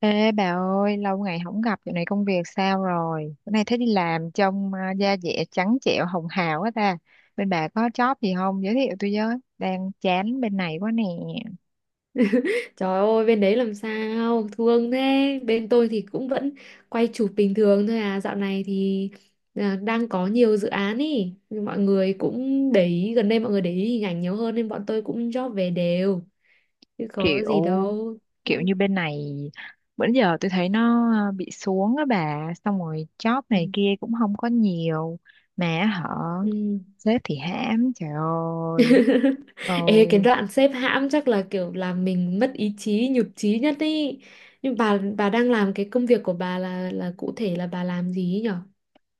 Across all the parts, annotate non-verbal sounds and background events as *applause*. Ê bà ơi, lâu ngày không gặp, dạo này công việc sao rồi? Bữa nay thấy đi làm trông da dẻ trắng trẻo hồng hào quá ta. Bên bà có job gì không? Giới thiệu tôi với. Đang chán bên này quá nè. Trời ơi, bên đấy làm sao thương thế. Bên tôi thì cũng vẫn quay chụp bình thường thôi à, dạo này thì đang có nhiều dự án ý. Nhưng mọi người cũng để ý, gần đây mọi người để ý hình ảnh nhiều hơn nên bọn tôi cũng job về đều, chứ có Kiểu gì đâu. Ừ. kiểu như bên này, bữa giờ tôi thấy nó bị xuống á bà, xong rồi job này kia cũng không có nhiều, mà họ Ừ. sếp thì hãm, trời ơi. *laughs* Ừ. Ê, cái đoạn xếp hãm chắc là kiểu làm mình mất ý chí, nhụt chí nhất ý, nhưng bà đang làm cái công việc của bà là cụ thể là bà làm gì nhỉ?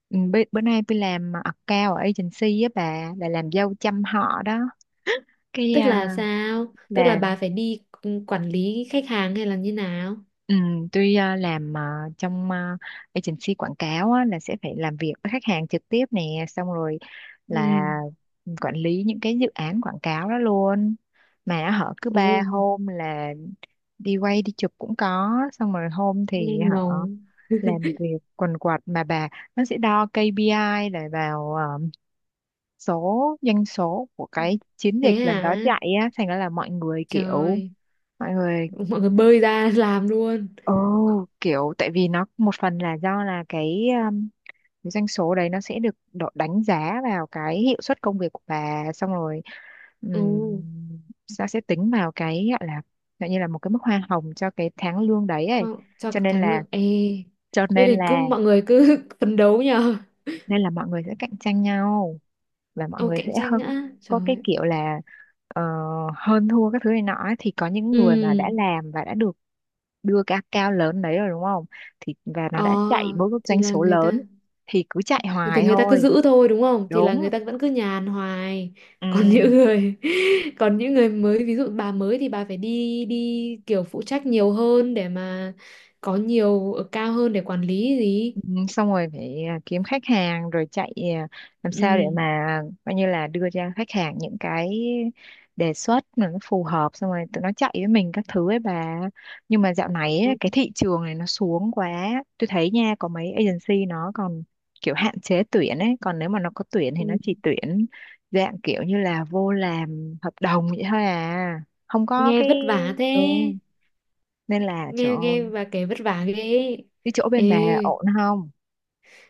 Ừ, bữa nay tôi làm account ở agency á bà, là làm dâu chăm họ đó. Cái Tức là à, sao? Tức là là bà phải đi, quản lý khách hàng hay là như nào? Tuy ờ, làm ờ, trong ờ, Agency quảng cáo á, là sẽ phải làm việc với khách hàng trực tiếp nè, xong rồi là Ừ. quản lý những cái dự án quảng cáo đó luôn. Mà họ cứ Ồ, ba hôm là đi quay đi chụp cũng có, xong rồi hôm nghe thì ngầu. họ làm việc quần quật mà bà, nó sẽ đo KPI để vào số doanh số của cái chiến Thế dịch lần hả? đó chạy á, thành ra là mọi người kiểu Trời, mọi người *laughs* mọi người bơi ra *laughs* làm luôn. Ồ, kiểu tại vì nó một phần là do là cái doanh số đấy nó sẽ được đánh giá vào cái hiệu suất công việc của bà, xong rồi Ồ, um, nó sẽ tính vào cái gọi là gọi như là một cái mức hoa hồng cho cái tháng lương đấy ấy. Cho Cho nên thắng là lượng. Ê, cho thế nên thì cứ là mọi người cứ *laughs* phấn đấu nhờ. Nên là mọi người sẽ cạnh tranh nhau và mọi Ồ, người sẽ cạnh tranh hơi nữa. có cái Trời. kiểu là ờ, hơn thua các thứ này nọ ấy. Thì có những người mà đã Ừ. làm và đã được đưa cái account lớn đấy rồi đúng không, thì và nó Ờ, đã chạy bước thì doanh là số người ta, lớn thì cứ chạy thì hoài người ta cứ thôi giữ thôi đúng không, thì là đúng người ta vẫn cứ nhàn hoài. ừ. *laughs* Còn những người *laughs* còn những người mới, ví dụ bà mới thì bà phải đi đi kiểu phụ trách nhiều hơn để mà có nhiều ở cao hơn để quản lý gì. Ừ, xong rồi phải kiếm khách hàng rồi chạy làm sao để Ừ. mà coi như là đưa cho khách hàng những cái đề xuất mà nó phù hợp, xong rồi tụi nó chạy với mình các thứ ấy bà. Nhưng mà dạo này ấy, cái thị trường này nó xuống quá, tôi thấy nha có mấy agency nó còn kiểu hạn chế tuyển ấy, còn nếu mà nó có tuyển thì nó Ừ. chỉ tuyển dạng kiểu như là vô làm hợp đồng vậy thôi à, không có Nghe cái vất vả thế, ừ. Nên là nghe chỗ, nghe bà kể vất vả ghê. cái chỗ Ê, bên bà ổn không?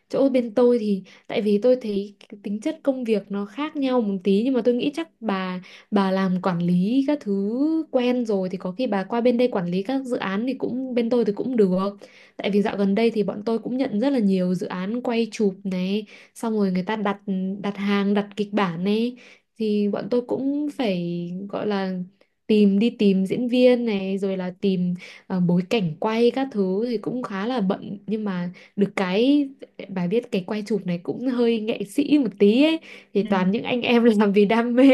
chỗ bên tôi thì tại vì tôi thấy cái tính chất công việc nó khác nhau một tí, nhưng mà tôi nghĩ chắc bà làm quản lý các thứ quen rồi thì có khi bà qua bên đây quản lý các dự án thì cũng, bên tôi thì cũng được. Tại vì dạo gần đây thì bọn tôi cũng nhận rất là nhiều dự án quay chụp này, xong rồi người ta đặt đặt hàng, đặt kịch bản này, thì bọn tôi cũng phải gọi là tìm, đi tìm diễn viên này, rồi là tìm, bối cảnh quay các thứ, thì cũng khá là bận. Nhưng mà được cái, bà biết cái quay chụp này cũng hơi nghệ sĩ một tí ấy, thì Ừ. toàn những anh em *laughs* làm vì đam mê.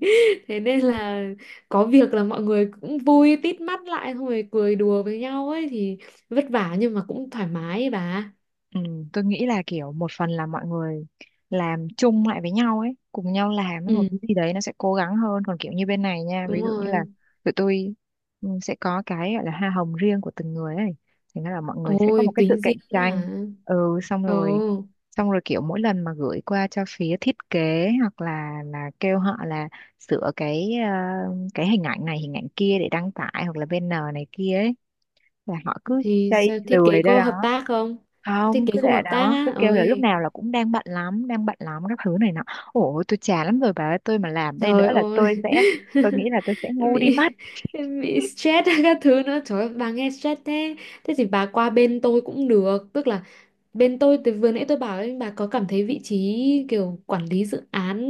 *laughs* Thế nên là có việc là mọi người cũng vui tít mắt lại, xong rồi cười đùa với nhau ấy. Thì vất vả nhưng mà cũng thoải mái ấy bà. Ừ, tôi nghĩ là kiểu một phần là mọi người làm chung lại với nhau ấy, cùng nhau làm một Ừ, cái gì đấy nó sẽ cố gắng hơn. Còn kiểu như bên này nha, đúng ví dụ như là rồi. tụi tôi, ừ, sẽ có cái gọi là hoa hồng riêng của từng người ấy. Thì nó là mọi người sẽ có một Ôi, cái sự tính cạnh riêng ấy tranh. hả? Ừ, xong Ồ, rồi xong rồi kiểu mỗi lần mà gửi qua cho phía thiết kế hoặc là kêu họ là sửa cái cái hình ảnh này hình ảnh kia để đăng tải hoặc là banner này kia ấy, là họ cứ thì sao, chây thiết kế lười ra có hợp đó, tác không? Thiết không kế cứ không để hợp tác đó cứ á? kêu là lúc Ôi. nào là cũng đang bận lắm các thứ này nọ. Ủa tôi chán lắm rồi bà ơi, tôi mà làm đây nữa Trời là ơi. tôi sẽ, tôi *laughs* nghĩ là tôi sẽ ngu đi bị mất. bị *laughs* stress *laughs* các thứ nữa, trời ơi, bà nghe stress thế. Thế thì bà qua bên tôi cũng được, tức là bên tôi, từ vừa nãy tôi bảo ấy, bà có cảm thấy vị trí kiểu quản lý dự án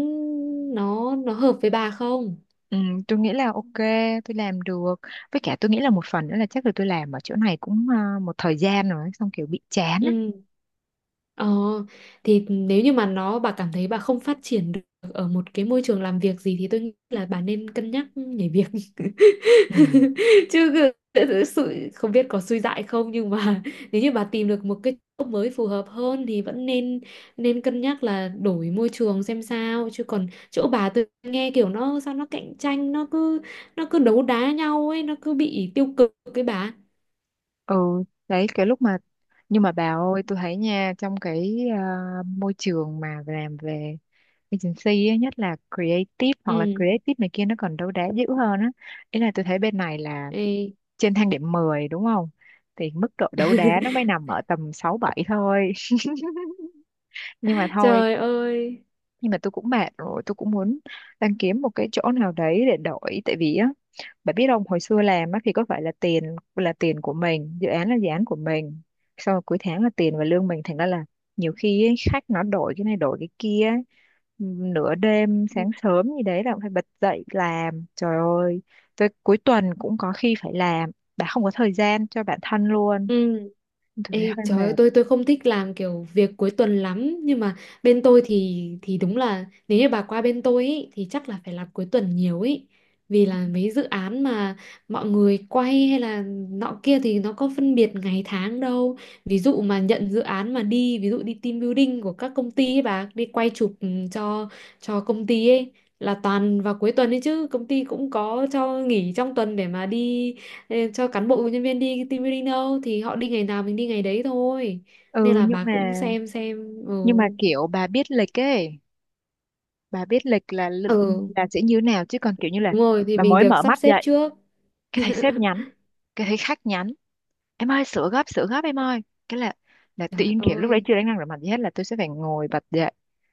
nó hợp với bà không? Ừ, tôi nghĩ là ok, tôi làm được. Với cả tôi nghĩ là một phần nữa là chắc là tôi làm ở chỗ này cũng một thời gian rồi xong kiểu bị chán á. Ừ. Ờ, thì nếu như mà nó, bà cảm thấy bà không phát triển được ở một cái môi trường làm việc gì thì tôi nghĩ là bà nên cân nhắc nhảy việc. *laughs* Ừ. chứ cứ- sự không biết có suy dại không nhưng mà *laughs* nếu như bà tìm được một cái chỗ mới phù hợp hơn thì vẫn nên, nên cân nhắc là đổi môi trường xem sao. Chứ còn chỗ bà, tôi nghe kiểu nó sao, nó cạnh tranh, nó cứ đấu đá nhau ấy, nó cứ bị tiêu cực cái bà. Ừ đấy cái lúc mà, nhưng mà bà ơi tôi thấy nha trong cái môi trường mà làm về agency á, nhất là creative hoặc là Ừ. creative này kia nó còn đấu đá dữ hơn á. Ý là tôi thấy bên này là Ê. trên thang điểm 10 đúng không, thì mức độ đấu đá nó mới *laughs* nằm ở tầm 6 7 thôi. *laughs* Nhưng mà thôi, Trời ơi. nhưng mà tôi cũng mệt rồi, tôi cũng muốn, đang kiếm một cái chỗ nào đấy để đổi, tại vì á bà biết không, hồi xưa làm á thì có phải là tiền của mình, dự án là dự án của mình, xong rồi cuối tháng là tiền và lương mình, thành ra là nhiều khi ấy, khách nó đổi cái này đổi cái kia ấy. Nửa đêm sáng sớm gì đấy là cũng phải bật dậy làm, trời ơi, tới cuối tuần cũng có khi phải làm, bà không có thời gian cho bản thân luôn. Ừ. Tôi thấy Ê, hơi trời ơi, mệt. tôi không thích làm kiểu việc cuối tuần lắm, nhưng mà bên tôi thì đúng là nếu như bà qua bên tôi ý thì chắc là phải làm cuối tuần nhiều ý, vì là mấy dự án mà mọi người quay hay là nọ kia thì nó có phân biệt ngày tháng đâu. Ví dụ mà nhận dự án mà đi, ví dụ đi team building của các công ty ấy, bà đi quay chụp, cho công ty ấy, là toàn vào cuối tuần ấy. Chứ công ty cũng có cho nghỉ trong tuần để mà đi, ê, cho cán bộ nhân viên đi team building đâu, thì họ đi ngày nào mình đi ngày đấy thôi. Nên Ừ là nhưng bà mà, cũng xem xem. Ừ. nhưng mà kiểu bà biết lịch ấy, bà biết lịch là Ừ, là sẽ như thế nào, chứ còn kiểu như là đúng rồi, thì bà mình mới được mở sắp mắt xếp dậy trước. cái thấy sếp nhắn, *laughs* cái thấy khách nhắn em ơi sửa gấp em ơi, cái là tự Trời nhiên kiểu lúc đấy ơi. chưa đánh răng rửa mặt gì hết là tôi sẽ phải ngồi bật dậy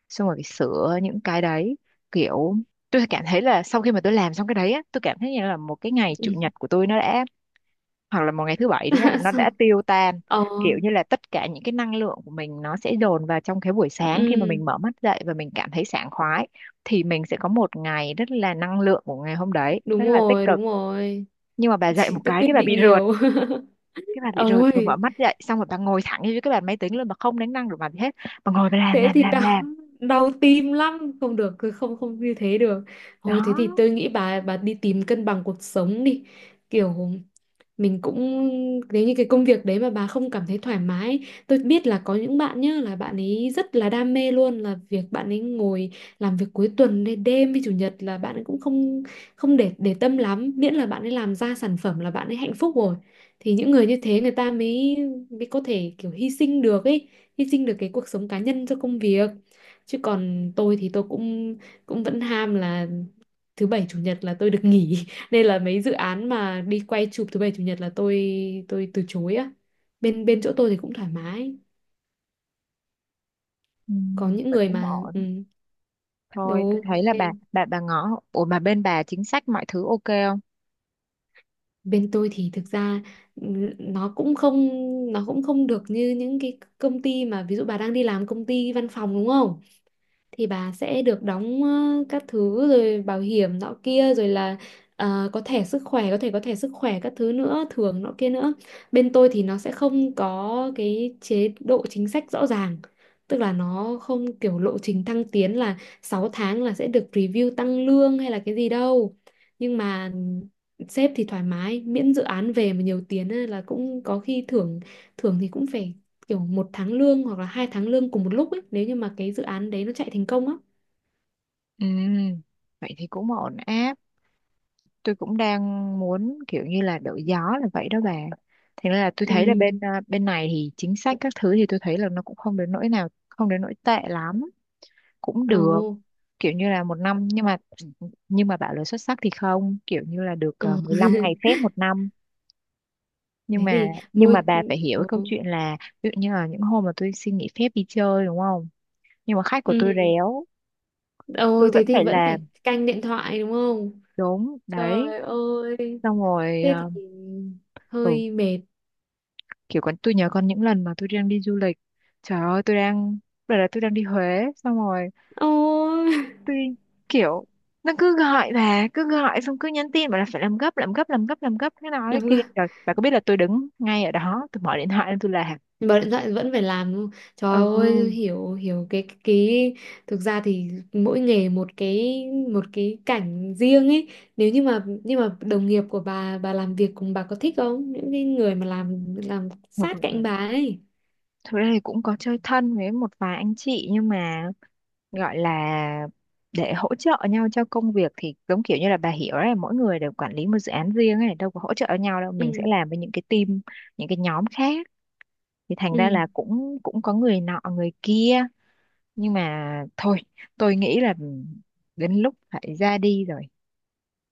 xong rồi phải sửa những cái đấy. Kiểu tôi cảm thấy là sau khi mà tôi làm xong cái đấy á, tôi cảm thấy như là một cái ngày chủ Ừ. nhật của tôi nó đã, hoặc là một ngày thứ bảy đúng không, *laughs* nó đã Xong- tiêu tan. ờ Kiểu như là tất cả những cái năng lượng của mình nó sẽ dồn vào trong cái buổi sáng khi mà ừ, mình mở mắt dậy và mình cảm thấy sảng khoái, thì mình sẽ có một ngày rất là năng lượng, của ngày hôm đấy đúng rất là tích rồi, cực. đúng rồi. Nhưng mà bà *laughs* dậy Thì một tôi cái quyết cái bà bị định rượt, nhiều. cái bà bị *laughs* rượt, vừa mở Ôi, mắt dậy xong rồi bà ngồi thẳng như cái bàn máy tính luôn, bà không đánh răng rửa mặt gì hết, bà ngồi bà thế thì đau làm đau tim lắm, không được, cứ không không như thế được. đó. Thôi, thế thì tôi nghĩ bà đi tìm cân bằng cuộc sống đi. Kiểu mình cũng, nếu như cái công việc đấy mà bà không cảm thấy thoải mái, tôi biết là có những bạn nhá, là bạn ấy rất là đam mê luôn, là việc bạn ấy ngồi làm việc cuối tuần đến đêm với chủ nhật là bạn ấy cũng không không để tâm lắm, miễn là bạn ấy làm ra sản phẩm là bạn ấy hạnh phúc rồi. Thì những người như thế người ta mới mới có thể kiểu hy sinh được ấy, hy sinh được cái cuộc sống cá nhân cho công việc. Chứ còn tôi thì tôi cũng cũng vẫn ham là thứ bảy chủ nhật là tôi được nghỉ. *laughs* Nên là mấy dự án mà đi quay chụp thứ bảy chủ nhật là tôi từ chối á. Bên bên chỗ tôi thì cũng thoải mái, Ừ, có những vậy người cũng mà ổn. Thôi tôi đúng. thấy là bà Bên, bà bà ngó, ủa mà bên bà chính sách mọi thứ ok không? bên tôi thì thực ra n- nó cũng không nó cũng không được như những cái công ty mà ví dụ bà đang đi làm công ty văn phòng đúng không? Thì bà sẽ được đóng, các thứ, rồi bảo hiểm nọ kia, rồi là, có thẻ sức khỏe, có thẻ sức khỏe các thứ nữa, thưởng nọ kia nữa. Bên tôi thì nó sẽ không có cái chế độ chính sách rõ ràng, tức là nó không kiểu lộ trình thăng tiến là 6 tháng là sẽ được review tăng lương hay là cái gì đâu. Nhưng mà sếp thì thoải mái, miễn dự án về mà nhiều tiền ấy là cũng có khi thưởng. Thưởng thì cũng phải kiểu 1 tháng lương hoặc là 2 tháng lương cùng một lúc ấy, nếu như mà cái dự án đấy nó chạy thành công á. Ừ, vậy thì cũng ổn áp. Tôi cũng đang muốn kiểu như là đổi gió là vậy đó bà. Thế nên là tôi thấy là Ừ. bên bên này thì chính sách các thứ thì tôi thấy là nó cũng không đến nỗi nào, không đến nỗi tệ lắm, cũng Ồ. được. Kiểu như là một năm, nhưng mà bảo là xuất sắc thì không, kiểu như là được Ừ. 15 ngày *laughs* phép một năm. Nhưng Thế mà thì nhưng mà môi. bà phải hiểu cái câu Ừ. chuyện là ví dụ như là những hôm mà tôi xin nghỉ phép đi chơi đúng không, nhưng mà khách của tôi Ừ. réo, Ồ, tôi thế vẫn thì phải vẫn phải làm. canh điện thoại đúng không? Đúng đấy. Trời ơi, Xong rồi thế thì ừ hơi mệt. kiểu con tôi nhớ còn những lần mà tôi đang đi du lịch, trời ơi tôi đang, đợt là tôi đang đi Huế xong rồi Ôi. tôi kiểu nó cứ gọi, bà cứ gọi xong cứ nhắn tin bảo là phải làm gấp làm gấp làm gấp làm gấp thế nào *laughs* cái kia, Làm. rồi bà có biết là tôi đứng ngay ở đó tôi mở điện thoại lên tôi là Bật điện thoại vẫn phải làm đúng. Trời ừ. ơi, hiểu hiểu cái thực ra thì mỗi nghề một cái, một cái cảnh riêng ấy. Nếu như mà nhưng mà đồng nghiệp của bà làm việc cùng bà có thích không, những cái người mà làm Thực, sát cạnh bà ấy? thực ra thì cũng có chơi thân với một vài anh chị, nhưng mà gọi là để hỗ trợ nhau cho công việc thì giống kiểu như là bà hiểu đấy, mỗi người đều quản lý một dự án riêng ấy, đâu có hỗ trợ nhau đâu, mình sẽ Ừ. làm với những cái team, những cái nhóm khác, thì thành ra Ừ. là cũng cũng có người nọ người kia. Nhưng mà thôi, tôi nghĩ là đến lúc phải ra đi rồi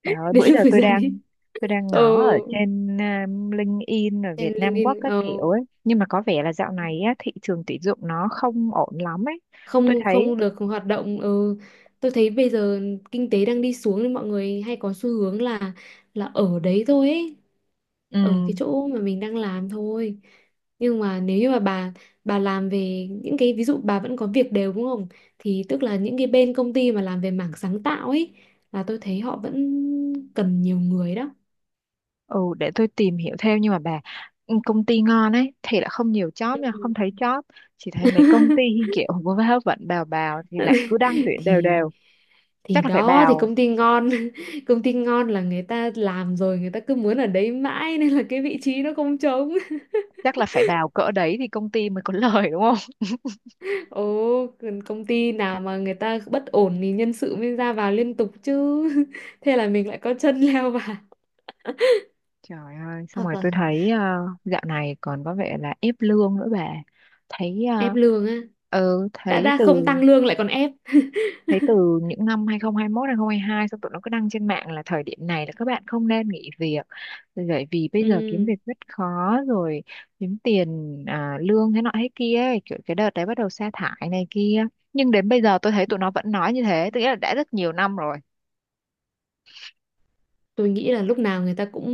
bà *laughs* ơi. Đến Bữa giờ lúc phải tôi ra đang, đi. tôi đang Ừ, ngó ở trên LinkedIn ở trên Việt Nam Work LinkedIn, các kiểu ấy, nhưng mà có vẻ là dạo này á, thị trường tuyển dụng nó không ổn lắm ấy, tôi không thấy không được hoạt động. Ừ, tôi thấy bây giờ kinh tế đang đi xuống nên mọi người hay có xu hướng là, ở đấy thôi ấy, ở cái ừm, chỗ mà mình đang làm thôi. Nhưng mà nếu như mà bà làm về những cái, ví dụ bà vẫn có việc đều đúng không, thì tức là những cái bên công ty mà làm về mảng sáng tạo ấy là tôi thấy họ vẫn cần nhiều người đó. ừ để tôi tìm hiểu thêm. Nhưng mà bà, ừ, công ty ngon ấy thì lại không nhiều job nha, Ừ. không thấy job, chỉ thấy mấy công ty *laughs* kiểu vô vơ vẩn bào bào thì lại cứ đăng tuyển đều thì đều. thì Chắc là phải đó, thì bào, công ty ngon, *laughs* công ty ngon là người ta làm rồi người ta cứ muốn ở đấy mãi nên là cái vị trí nó không trống. chắc là phải bào cỡ đấy thì công ty mới có *laughs* lời đúng không? Ồ, còn công ty nào mà người ta bất ổn thì nhân sự mới ra vào liên tục chứ. *laughs* Thế là mình lại có chân leo vào. Trời ơi, xong Hoặc rồi là tôi thấy dạo này còn có vẻ là ép lương nữa bà. Thấy ép lương á. ừ Đã thấy đã từ không tăng lương lại còn ép. *laughs* thấy từ những năm 2021 2022, xong tụi nó cứ đăng trên mạng là thời điểm này là các bạn không nên nghỉ việc. Bởi vì bây giờ kiếm Ừ, việc rất khó rồi, kiếm tiền lương thế nọ thế kia ấy, kiểu cái đợt đấy bắt đầu sa thải này kia. Nhưng đến bây giờ tôi thấy tụi nó vẫn nói như thế, tức nghĩa là đã rất nhiều năm rồi. tôi nghĩ là lúc nào người ta cũng,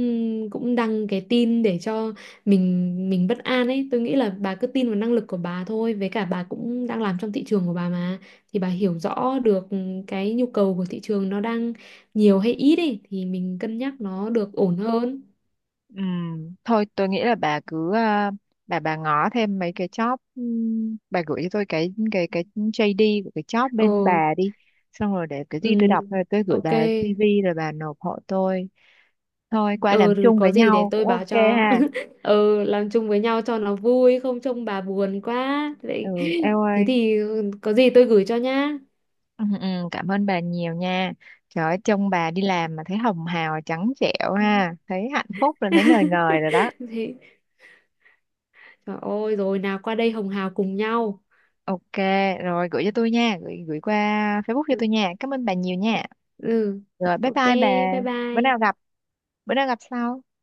đăng cái tin để cho mình bất an ấy. Tôi nghĩ là bà cứ tin vào năng lực của bà thôi. Với cả bà cũng đang làm trong thị trường của bà mà, thì bà hiểu rõ được cái nhu cầu của thị trường nó đang nhiều hay ít ấy, thì mình cân nhắc nó được ổn hơn. Thôi tôi nghĩ là bà cứ bà ngó thêm mấy cái job, bà gửi cho tôi cái JD của cái job Ờ. bên bà đi, xong rồi để cái gì tôi Ừ, đọc rồi tôi gửi ok. bà CV rồi bà nộp hộ tôi. Thôi qua Ừ, làm rồi chung có với gì để nhau tôi cũng ok. báo cho. Ha, *laughs* Ừ, làm chung với nhau cho nó vui, không trông bà buồn quá. ừ Thế, eo thế ơi. thì có gì tôi gửi cho nhá. Ừ, ừ, cảm ơn bà nhiều nha. Trời ơi trông bà đi làm mà thấy hồng hào trắng trẻo ha, thấy hạnh phúc rồi, thấy ngời ngời *laughs* rồi đó. Thế, trời ơi, rồi nào qua đây hồng hào cùng nhau. Ok, rồi gửi cho tôi nha, gửi gửi qua Facebook cho Ừ, tôi nha. Cảm ơn bà nhiều nha. ừ, Rồi bye ok, bye bà. bye Bữa nào bye. gặp, Bữa nào gặp sau.